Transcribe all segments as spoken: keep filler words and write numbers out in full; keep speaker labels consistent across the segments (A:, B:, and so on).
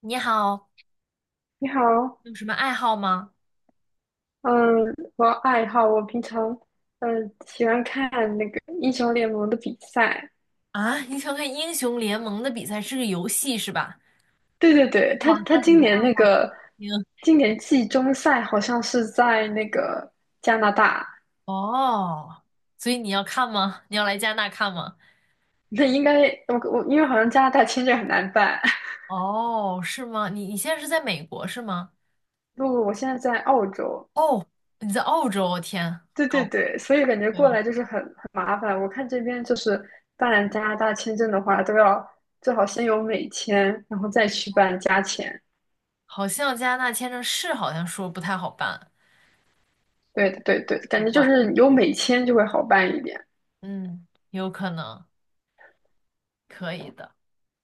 A: 你好，
B: 你好。
A: 有什么爱好吗？
B: 嗯，我爱好我平常嗯喜欢看那个英雄联盟的比赛。
A: 啊，你想看英雄联盟的比赛是个游戏是吧？
B: 对对对，他
A: 哇，
B: 他
A: 那你
B: 今
A: 的爱
B: 年那
A: 好
B: 个
A: 挺……
B: 今年季中赛好像是在那个加拿大。
A: 哦，所以你要看吗？你要来加拿大看吗？
B: 那应该我我因为好像加拿大签证很难办。
A: 哦，是吗？你你现在是在美国是吗？
B: 不不，我现在在澳洲。
A: 你在澳洲啊，我天，
B: 对对
A: 高，
B: 对，所以感觉
A: 可
B: 过
A: 以。
B: 来就是很很麻烦。我看这边就是办加拿大签证的话，都要最好先有美签，然后再去办加签。
A: 好像加拿大签证是好像说不太好办，
B: 对的，对对，
A: 奇
B: 感觉就
A: 怪。
B: 是有美签就会好办一点
A: 嗯，有可能，可以的。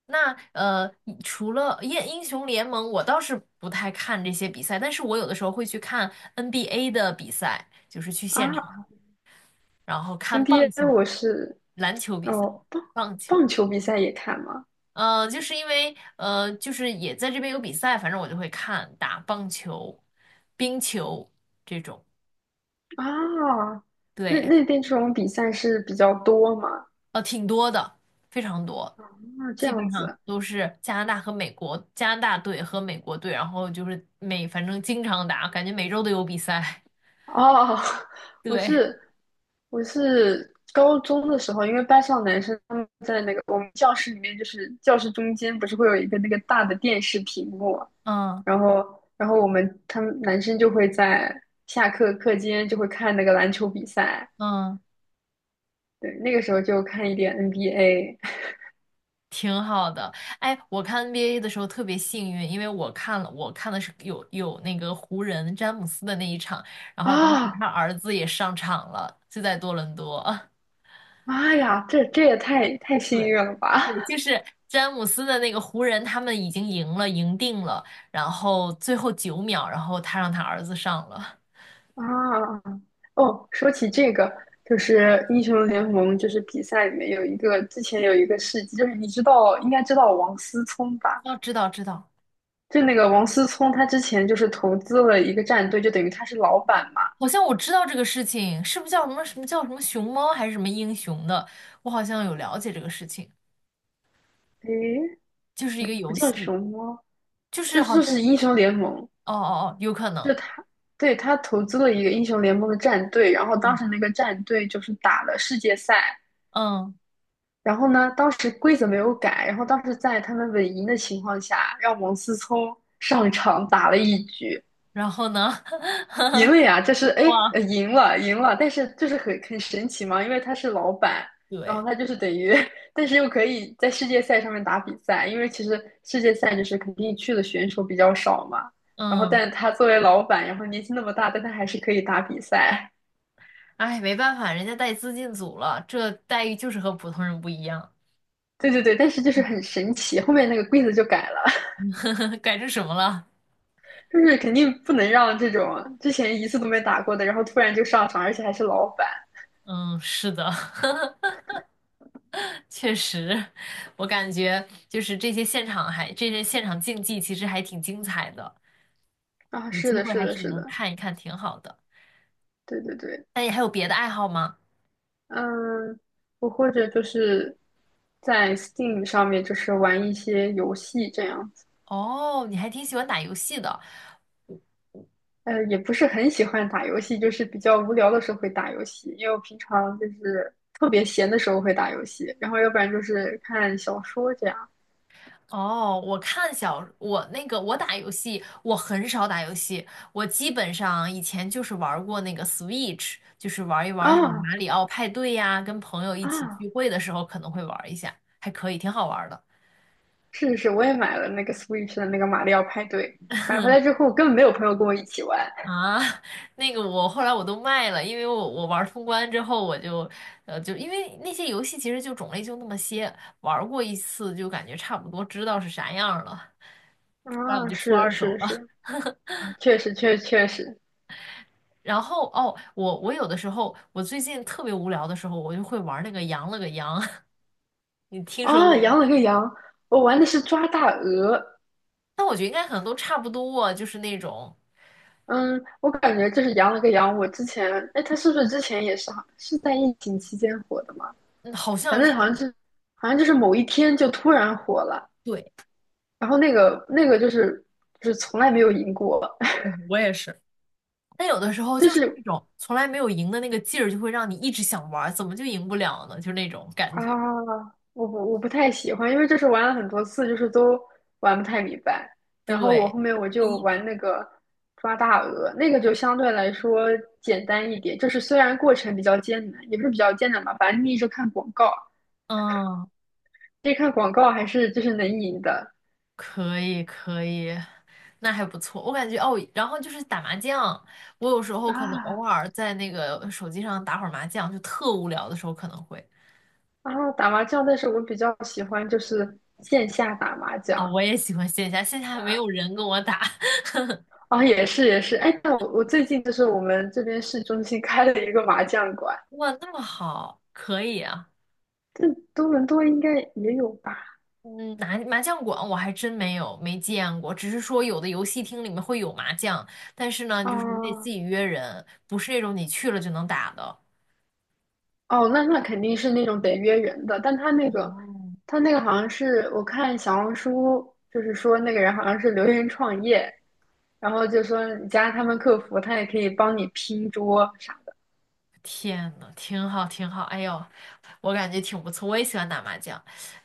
A: 那呃，除了英英雄联盟，我倒是不太看这些比赛，但是我有的时候会去看 N B A 的比赛，就是去现场，
B: 啊。
A: 然后看棒
B: N B A
A: 球、
B: 我是。
A: 篮球比赛、
B: 哦，棒
A: 棒
B: 棒
A: 球。
B: 球比赛也看吗？
A: 呃，就是因为呃，就是也在这边有比赛，反正我就会看打棒球、冰球这种。
B: 啊，那
A: 对，
B: 那边这种比赛是比较多吗？
A: 呃，挺多的，非常多，
B: 那这
A: 基
B: 样
A: 本上
B: 子。
A: 都是加拿大和美国，加拿大队和美国队，然后就是每反正经常打，感觉每周都有比赛。
B: 哦，我
A: 对，
B: 是我是高中的时候，因为班上男生他们在那个我们教室里面，就是教室中间不是会有一个那个大的电视屏幕嘛，
A: 嗯
B: 然后然后我们他们男生就会在下课课间就会看那个篮球比赛。
A: 嗯，
B: 对，那个时候就看一点 N B A
A: 挺好的。哎，我看 N B A 的时候特别幸运，因为我看了，我看的是有有那个湖人詹姆斯的那一场，然后当时
B: 啊。
A: 他儿子也上场了，就在多伦多。
B: 妈呀，这这也太太幸
A: 对，
B: 运了吧。
A: 对，就是詹姆斯的那个湖人，他们已经赢了，赢定了，然后最后九秒，然后他让他儿子上了。
B: 啊！哦，说起这个，就是英雄联盟，就是比赛里面有一个，之前有一个事迹，就是你知道，应该知道王思聪吧？
A: 哦，知道知道，
B: 就那个王思聪，他之前就是投资了一个战队，就等于他是老板嘛。
A: 好像我知道这个事情，是不是叫什么什么叫什么熊猫还是什么英雄的？我好像有了解这个事情，
B: 诶，
A: 就是一
B: 不
A: 个
B: 不
A: 游
B: 叫
A: 戏，
B: 熊猫，
A: 就是
B: 就
A: 好
B: 说
A: 像
B: 是英雄联盟。
A: 哦哦哦，有可
B: 就
A: 能，
B: 他，对，他投资了一个英雄联盟的战队，然后当
A: 嗯
B: 时那个战队就是打了世界赛。
A: 嗯，
B: 然后呢，当时规则没有改，然后当时在他们稳赢的情况下，让王思聪上场打了一局，
A: 然后呢？
B: 赢了呀！这是哎，
A: 哇，
B: 呃赢了，赢了，但是就是很很神奇嘛，因为他是老板，然后
A: 对，
B: 他就是等于，但是又可以在世界赛上面打比赛，因为其实世界赛就是肯定去的选手比较少嘛，然后
A: 嗯，
B: 但他作为老板，然后年纪那么大，但他还是可以打比赛。
A: 哎，没办法，人家带资进组了，这待遇就是和普通人不一样，
B: 对对对，但是就是很神奇，后面那个规则就改了。
A: 改成什么了？
B: 就是肯定不能让这种之前一次都没打过的，然后突然就上场，而且还是老板。
A: 嗯，是的，确实，我感觉就是这些现场还这些现场竞技其实还挺精彩的，
B: 啊！
A: 有
B: 是
A: 机
B: 的，
A: 会
B: 是
A: 还
B: 的，
A: 是
B: 是
A: 能
B: 的，
A: 看一看，挺好的。
B: 对对对。
A: 那你还有别的爱好吗？
B: 嗯，我或者就是在 Steam 上面就是玩一些游戏这样子。
A: 哦，你还挺喜欢打游戏的。
B: 呃，也不是很喜欢打游戏，就是比较无聊的时候会打游戏，因为我平常就是特别闲的时候会打游戏，然后要不然就是看小说这样。
A: 哦，我看小我那个我打游戏，我很少打游戏，我基本上以前就是玩过那个 Switch，就是玩一玩什么
B: 啊
A: 马里奥派对呀，跟朋友一起
B: 啊。
A: 聚会的时候可能会玩一下，还可以，挺好玩的。
B: 是是，我也买了那个 Switch 的那个马里奥派对，买回来之后我根本没有朋友跟我一起玩。
A: 啊，那个我后来我都卖了，因为我我玩儿通关之后，我就呃就因为那些游戏其实就种类就那么些，玩儿过一次就感觉差不多知道是啥样儿了，那我
B: 啊，
A: 就出
B: 是的
A: 二
B: 是
A: 手
B: 的
A: 了。
B: 是的。 啊确实确实确实。
A: 然后哦，我我有的时候我最近特别无聊的时候，我就会玩儿那个羊了个羊，你听说
B: 啊，
A: 过吗？
B: 羊了个羊，我玩的是抓大鹅。
A: 但我觉得应该可能都差不多，就是那种
B: 嗯，我感觉就是羊了个羊。我之前，哎，它是不是之前也是好是在疫情期间火的嘛？
A: 嗯好
B: 反
A: 像
B: 正
A: 是
B: 好像是，好像就是某一天就突然火了。
A: 对。
B: 然后那个那个就是就是从来没有赢过。
A: 嗯我也是。但有的时 候
B: 就
A: 就是那
B: 是
A: 种从来没有赢的那个劲儿，就会让你一直想玩儿，怎么就赢不了呢？就是那种感
B: 啊，
A: 觉。
B: 我不我不太喜欢，因为就是玩了很多次，就是都玩不太明白。然后我
A: 对，
B: 后面
A: 他
B: 我
A: 故
B: 就
A: 意
B: 玩
A: 的。
B: 那个抓大鹅，那个就相对来说简单一点，就是虽然过程比较艰难，也不是比较艰难吧，反正你一直看广告，
A: 嗯，
B: 这看广告还是就是能赢的
A: 可以可以，那还不错。我感觉哦，然后就是打麻将，我有时候可能偶
B: 啊。
A: 尔在那个手机上打会儿麻将，就特无聊的时候可能会。
B: 啊！打麻将，但是我比较喜欢就是线下打麻将。
A: 啊、我也喜欢线下，线下没有人跟我打。
B: 啊，也是也是，哎，但我我最近就是我们这边市中心开了一个麻将馆。
A: 哇，那么好，可以啊。
B: 这多伦多应该也有吧？
A: 嗯，麻麻将馆我还真没有没见过，只是说有的游戏厅里面会有麻将，但是呢，就是你得自
B: 啊。
A: 己约人，不是那种你去了就能打的。
B: 哦，那那肯定是那种得约人的，但他那个，他那个好像是我看小红书，就是说那个人好像是留言创业，然后就说你加他们客服，他也可以帮你拼桌。
A: 天呐，挺好，挺好，哎呦，我感觉挺不错，我也喜欢打麻将。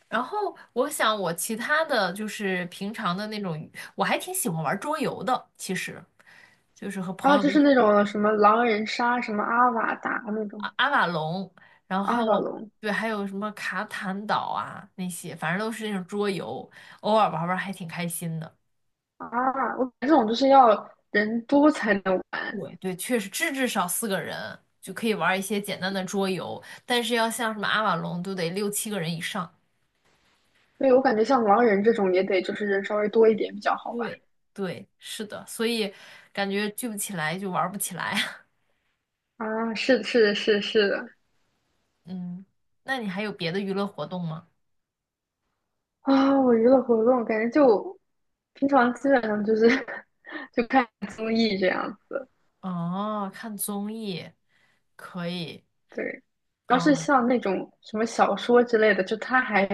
A: 然后我想我其他的就是平常的那种，我还挺喜欢玩桌游的，其实就是和朋
B: 啊，就
A: 友。
B: 是那种什么狼人杀、什么阿瓦达那种
A: 阿瓦隆，然
B: 阿瓦
A: 后
B: 隆。
A: 对，还有什么卡坦岛啊那些，反正都是那种桌游，偶尔玩玩还挺开心的。
B: 啊，我感觉这种就是要人多才能玩。
A: 对对，确实至至少四个人就可以玩一些简单的桌游，但是要像什么阿瓦隆都得六七个人以上。
B: 对，我感觉像狼人这种也得就是人稍微多一点比较好玩。
A: 对，对，是的，所以感觉聚不起来就玩不起来。
B: 啊，是的是的是的是的。
A: 嗯，那你还有别的娱乐活动吗？
B: 啊、我娱乐活动感觉就平常基本上就是 就看综艺这样子。
A: 哦，看综艺可以。
B: 对。主要是
A: 哦
B: 像那种什么小说之类的，就它还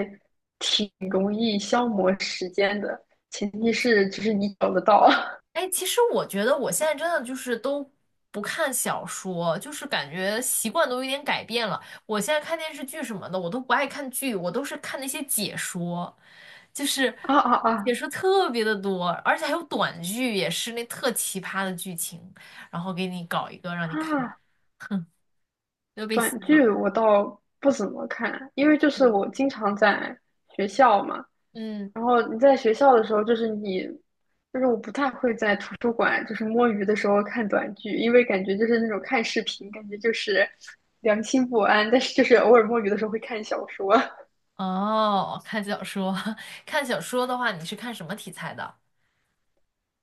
B: 挺容易消磨时间的，前提是就是你找得到。
A: 哎，其实我觉得我现在真的就是都不看小说，就是感觉习惯都有点改变了。我现在看电视剧什么的，我都不爱看剧，我都是看那些解说，就是
B: 啊啊
A: 解
B: 啊。
A: 说特别的多，而且还有短剧，也是那特奇葩的剧情，然后给你搞一个让你看，
B: 啊！
A: 又被
B: 短
A: 洗脑。
B: 剧我倒不怎么看，因为就是我经常在学校嘛，
A: 嗯，
B: 然后你在学校的时候，就是你，就是我不太会在图书馆就是摸鱼的时候看短剧，因为感觉就是那种看视频，感觉就是良心不安。但是就是偶尔摸鱼的时候会看小说。
A: 哦，看小说，看小说的话，你是看什么题材的？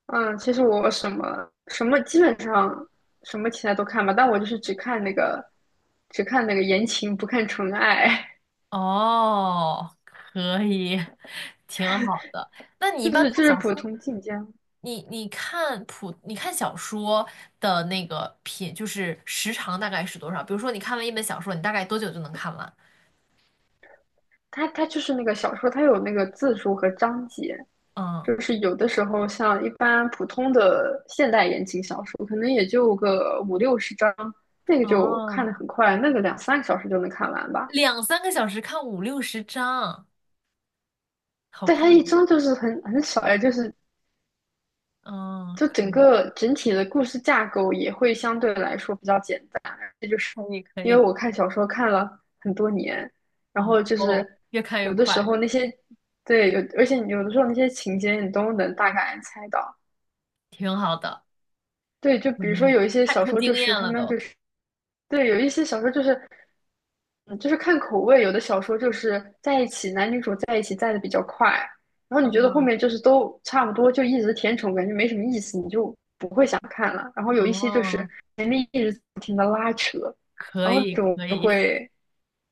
B: 嗯，其实我什么什么基本上什么题材都看吧，但我就是只看那个只看那个言情，不看纯爱。
A: 哦，可以，挺好的。那 你一
B: 就
A: 般
B: 是就
A: 看
B: 是
A: 小
B: 普
A: 说，
B: 通晋江。
A: 你你看普，你看小说的那个品，就是时长大概是多少？比如说你看完一本小说，你大概多久就能看完？
B: 它它就是那个小说，它有那个字数和章节。
A: 嗯，
B: 就是有的时候，像一般普通的现代言情小说，可能也就个五六十章，那个就看
A: 哦，
B: 得很快，那个两三个小时就能看完吧。
A: 两三个小时看五六十章，好
B: 但
A: 快。
B: 它一章就是很很少呀，就是
A: 嗯，
B: 就
A: 可
B: 整
A: 以，
B: 个整体的故事架构也会相对来说比较简单。这就是
A: 可以，可
B: 因为
A: 以。
B: 我看小说看了很多年，然
A: 哦
B: 后就
A: 哦，
B: 是
A: 越看越
B: 有的时
A: 快，
B: 候那些对有，而且有的时候那些情节你都能大概猜到。
A: 挺好的，
B: 对，就
A: 可
B: 比如说
A: 以，
B: 有一些
A: 看
B: 小
A: 出
B: 说，
A: 经
B: 就
A: 验
B: 是他
A: 了
B: 们
A: 都。
B: 就是对，有一些小说就是，嗯，就是看口味，有的小说就是在一起，男女主在一起在的比较快，然后你觉得后
A: 嗯，
B: 面就是都差不多，就一直甜宠，感觉没什么意思，你就不会想看了。然后有一些就是
A: 哦，
B: 前面一直不停的拉扯，
A: 可
B: 然后
A: 以，
B: 那种
A: 可
B: 就
A: 以。
B: 会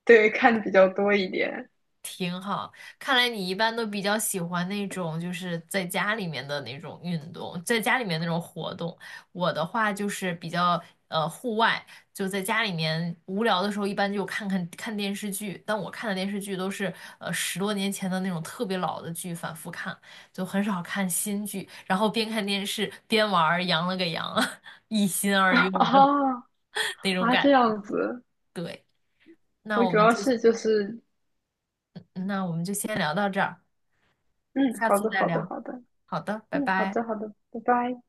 B: 对看的比较多一点。
A: 挺好。看来你一般都比较喜欢那种就是在家里面的那种运动，在家里面那种活动。我的话就是比较呃户外，就在家里面无聊的时候，一般就看看看电视剧。但我看的电视剧都是呃十多年前的那种特别老的剧，反复看，就很少看新剧。然后边看电视边玩儿，羊了个羊，一心二用的
B: 哦，
A: 那种
B: 啊，这
A: 感。
B: 样子。
A: 对，那
B: 我
A: 我
B: 主
A: 们
B: 要
A: 就
B: 是就是，
A: 那我们就先聊到这儿。
B: 嗯，
A: 下
B: 好
A: 次
B: 的，
A: 再
B: 好的，
A: 聊。
B: 好的。
A: 好的，拜
B: 嗯，好
A: 拜。
B: 的，好的，拜拜。